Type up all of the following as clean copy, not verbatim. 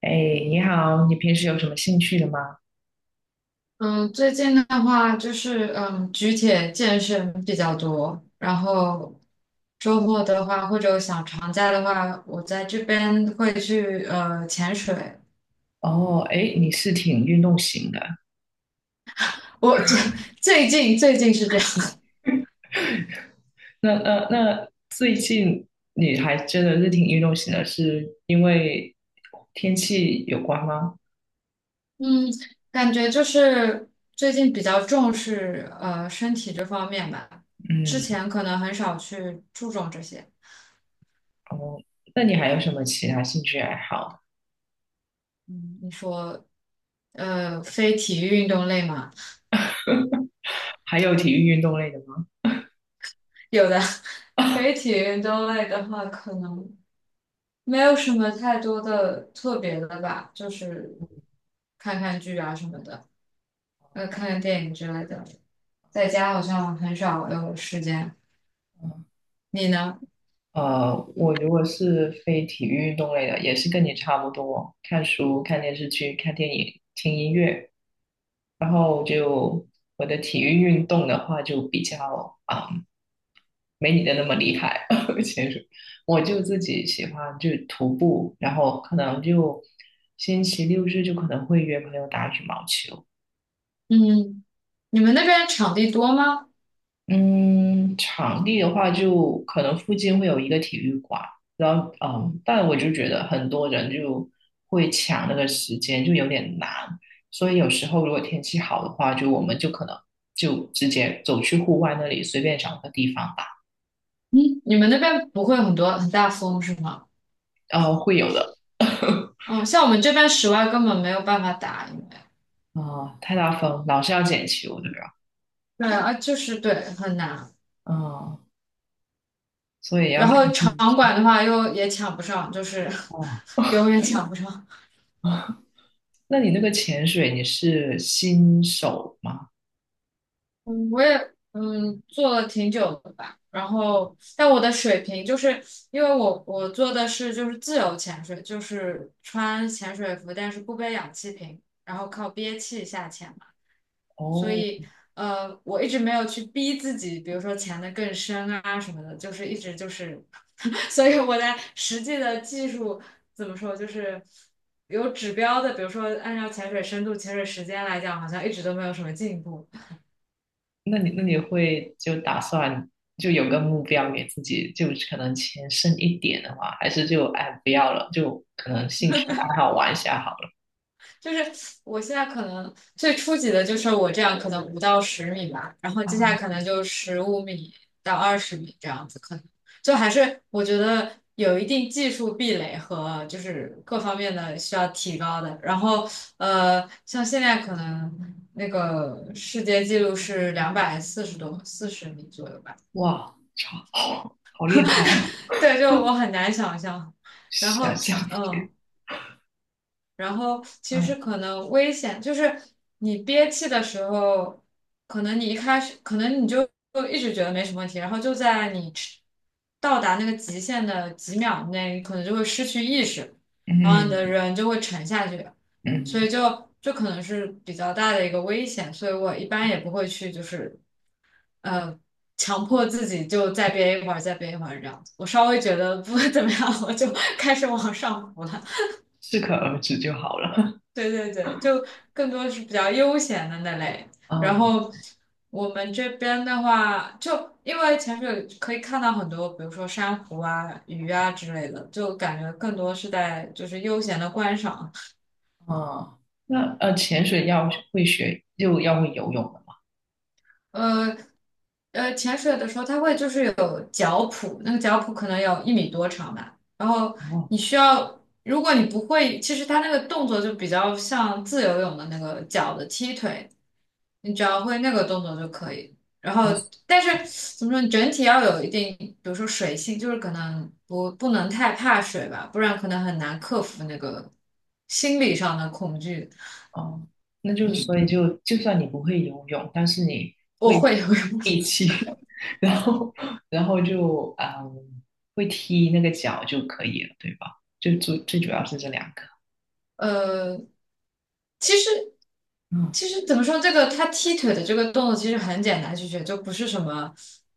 哎，你好，你平时有什么兴趣的吗？嗯，最近的话就是举铁健身比较多，然后周末的话或者想长假的话，我在这边会去潜水。哦，哎，你是挺运动型的。我这 最近是这样，那，最近你还真的是挺运动型的，是因为天气有关吗？嗯，感觉就是最近比较重视身体这方面吧，之嗯，前可能很少去注重这些。哦，那你还有什么其他兴趣爱好？嗯，你说非体育运动类嘛，还有体育运动类的吗？有的 非体育运动类的话可能。没有什么太多的特别的吧，就是看看剧啊什么的，看看电影之类的。在家好像很少有时间。你呢？我如果是非体育运动类的，也是跟你差不多，看书、看电视剧、看电影、听音乐。然后就我的体育运动的话，就比较啊、没你的那么厉害。其实我就自己喜欢就徒步，然后可能就星期六日就可能会约朋友打羽毛球。嗯，你们那边场地多吗？嗯，场地的话，就可能附近会有一个体育馆，然后嗯，但我就觉得很多人就会抢那个时间，就有点难。所以有时候如果天气好的话，就我们就可能就直接走去户外那里随便找个地方打，你们那边不会很多很大风是吗？会有的。嗯，像我们这边室外根本没有办法打，因为啊、太大风，老是要捡球的呀。对啊，就是对很难。嗯，所以要然看后场天气。馆的话又也抢不上，就是 哦，永远抢不上。那你那个潜水你是新手吗？嗯，我也做了挺久的吧，然后但我的水平就是因为我做的是就是自由潜水，就是穿潜水服，但是不背氧气瓶，然后靠憋气下潜嘛，所哦，以我一直没有去逼自己，比如说潜得更深啊什么的，就是一直就是，所以我在实际的技术怎么说就是有指标的，比如说按照潜水深度、潜水时间来讲，好像一直都没有什么进步。那你会就打算就有个目标给自己，就可能钱剩一点的话，还是就哎不要了，就可能兴趣爱好玩一下好了。就是我现在可能最初级的就是我这样，可能5到10米吧，然后接下来啊，可能就15米到20米这样子，可能就还是我觉得有一定技术壁垒和就是各方面的需要提高的。然后像现在可能那个世界纪录是两百四十多四十米左右吧，哇，超好，好厉害，对，就我很难想象。然想后象嗯，呃力，然后其嗯实可能危险就是你憋气的时候，可能你一开始可能你就一直觉得没什么问题，然后就在你到达那个极限的几秒内，可能就会失去意识，然后你的嗯人就会沉下去，所嗯，以就可能是比较大的一个危险，所以我一般也不会去就是呃。强迫自己就再憋一会儿，再憋一会儿这样子。我稍微觉得不 会怎么样，我就开始往上浮了。适可而止就好了。对对对，就更多是比较悠闲的那类。然嗯后我们这边的话，就因为潜水可以看到很多，比如说珊瑚啊、鱼啊之类的，就感觉更多是在就是悠闲的观赏。嗯，那潜水要会学，就要会游泳的嘛？呃潜水的时候它会就是有脚蹼，那个脚蹼可能有1米多长吧。然后你需要，如果你不会，其实它那个动作就比较像自由泳的那个脚的踢腿。你只要会那个动作就可以。然后，哦，但是怎么说，你整体要有一定，比如说水性，就是可能不能太怕水吧，不然可能很难克服那个心理上的恐惧。哦，那就嗯，所以就算你不会游泳，但是你我会会游泳。力 气，然后然后就会踢那个脚就可以了，对吧？就最最主要是这两个。呃，其实嗯，其实怎么说，这个他踢腿的这个动作其实很简单去学，就不是什么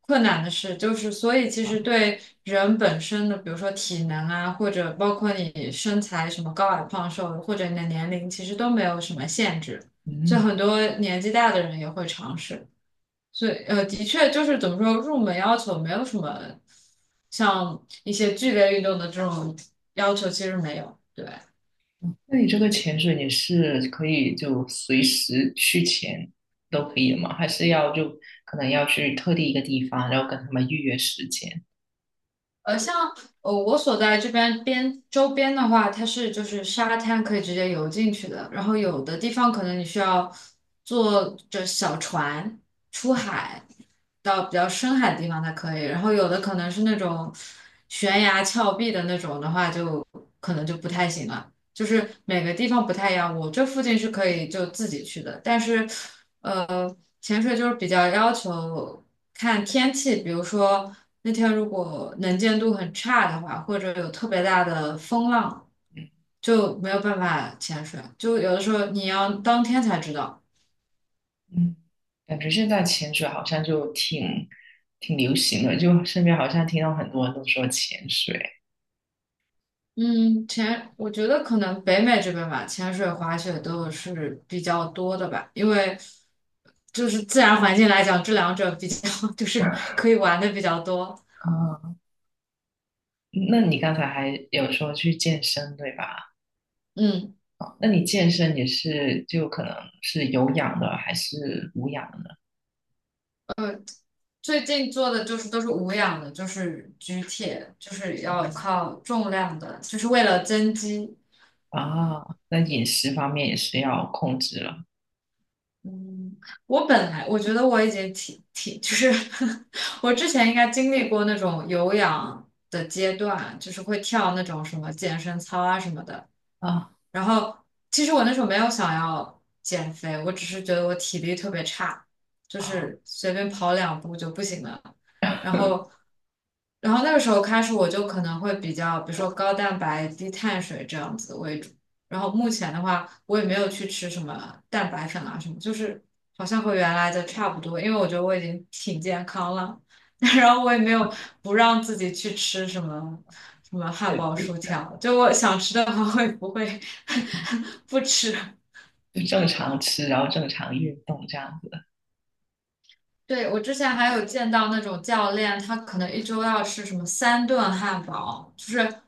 困难的事。就是所以，其实好，对人本身的，比如说体能啊，或者包括你身材什么高矮胖瘦，或者你的年龄，其实都没有什么限制。就嗯，很多年纪大的人也会尝试。所以，的确就是怎么说，入门要求没有什么像一些剧烈运动的这种要求，其实没有。对。那你这个潜水你是可以就随时去潜都可以的吗？还是要就可能要去特定一个地方，然后跟他们预约时间？像我所在这边周边的话，它是就是沙滩可以直接游进去的，然后有的地方可能你需要坐着小船出海到比较深海的地方才可以，然后有的可能是那种悬崖峭壁的那种的话就，可能就不太行了。就是每个地方不太一样，我这附近是可以就自己去的，但是。呃。潜水就是比较要求看天气，比如说那天如果能见度很差的话，或者有特别大的风浪，就没有办法潜水。就有的时候你要当天才知道。嗯，感觉现在潜水好像就挺挺流行的，就身边好像听到很多人都说潜水。嗯，我觉得可能北美这边吧，潜水、滑雪都是比较多的吧，因为就是自然环境来讲，这两者比较 就是可以玩的比较多。啊，那你刚才还有说去健身，对吧？嗯。那你健身也是就可能是有氧的还是无氧的呢？最近做的就是都是无氧的，就是举铁，就是要靠重量的，就是为了增肌。啊，那饮食方面也是要控制了嗯，我本来我觉得我已经挺，就是 我之前应该经历过那种有氧的阶段，就是会跳那种什么健身操啊什么的。啊然后其实我那时候没有想要减肥，我只是觉得我体力特别差，就啊，是随便跑两步就不行了。然后，然后，那个时候开始我就可能会比较，比如说高蛋白、低碳水这样子为主。然后目前的话，我也没有去吃什么蛋白粉啊什么，就是好像和原来的差不多，因为我觉得我已经挺健康了。然后我也没有不让自己去吃什么什么汉就堡、薯就条，就我想吃的话会不会 不吃。就正常吃，然后正常运动这样子。对，我之前还有见到那种教练，他可能1周要吃什么3顿汉堡，就是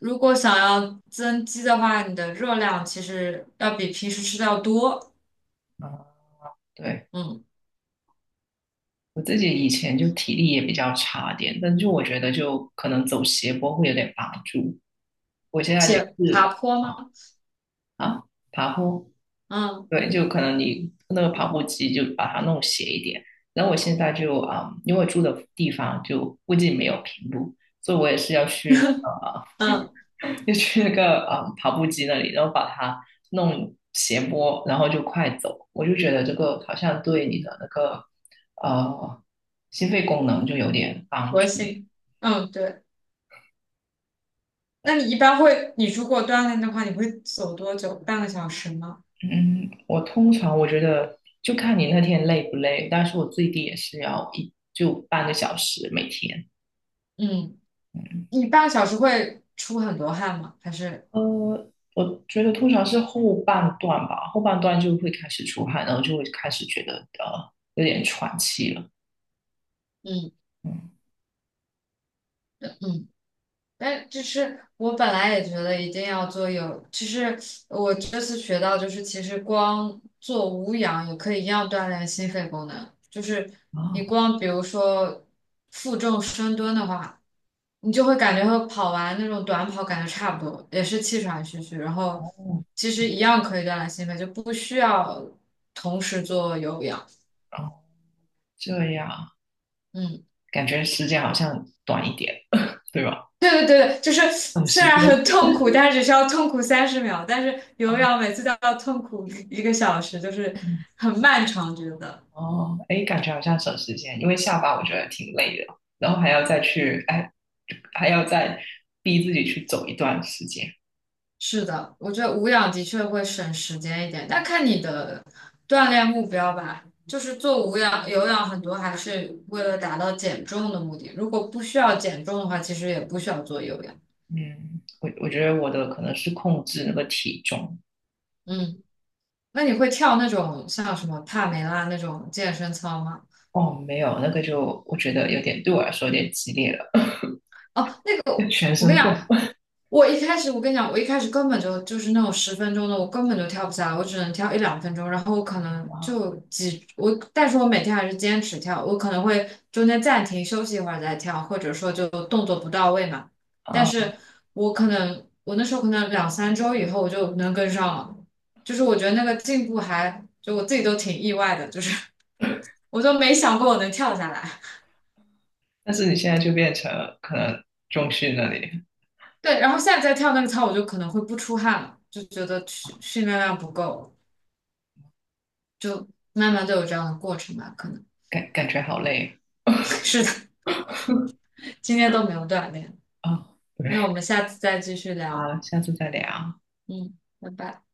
如果想要增肌的话，你的热量其实要比平时吃的要多。啊，对。嗯，我自己以前就体力也比较差点，但就我觉得就可能走斜坡会有点帮助。我现在也且爬是坡吗？啊啊，爬坡，嗯对，就可能你那个跑步机就把它弄斜一点。然后我现在就啊、因为我住的地方就附近没有平路，所以我也是要去那个嗯，就去那个啊、跑步机那里，然后把它弄斜坡，然后就快走。我就觉得这个好像对你的那个呃心肺功能就有点帮核助。心。嗯，对。那你一般会，你如果锻炼的话，你会走多久？半个小时吗？嗯，我通常我觉得就看你那天累不累，但是我最低也是要一就半个小时每天。嗯，你半个小时会出很多汗吗？还是呃，我觉得通常是后半段吧，后半段就会开始出汗，然后就会开始觉得有点喘气了。嗯嗯，嗯。哎，就是我本来也觉得一定要其实我这次学到，就是其实光做无氧也可以一样锻炼心肺功能。就是你啊，光比如说负重深蹲的话，你就会感觉和跑完那种短跑感觉差不多，也是气喘吁吁。然后哦，其实一样可以锻炼心肺，就不需要同时做有氧。这样嗯。感觉时间好像短一点，对吧？对对对对，就是省虽时然很间痛苦，但是只需要痛苦30秒，但是有氧哦每次都要痛苦1个小时，就是嗯很漫长，觉得。哦，哎，感觉好像省时间，因为下班我觉得挺累的，然后还要再去，哎，还要再逼自己去走一段时间。是的，我觉得无氧的确会省时间一点，但看你的锻炼目标吧。就是做无氧、有氧很多还是为了达到减重的目的，如果不需要减重的话，其实也不需要做有氧。嗯，我觉得我的可能是控制那个体重，嗯，那你会跳那种像什么帕梅拉那种健身操吗？哦，没有，那个就我觉得有点对我来说有点激烈了，哦。全我跟身你讲，痛我一开始根本就是那种10分钟的，我根本就跳不下来，我只能跳一两分钟，然后我可能啊 就几我，但是我每天还是坚持跳，我可能会中间暂停休息一会儿再跳，或者说就动作不到位嘛。但啊！是我可能我那时候可能两三周以后我就能跟上了，就是我觉得那个进步还就我自己都挺意外的，就是 我都没想过我能跳下来。但是你现在就变成可能中训那里，对，然后现在再跳那个操，我就可能会不出汗了，就觉得训练量不够，就慢慢都有这样的过程吧，可能 感感觉好累 是的，今天都没有锻炼。啊，那我对。们下次再继续聊，好，下次再聊。嗯，拜拜。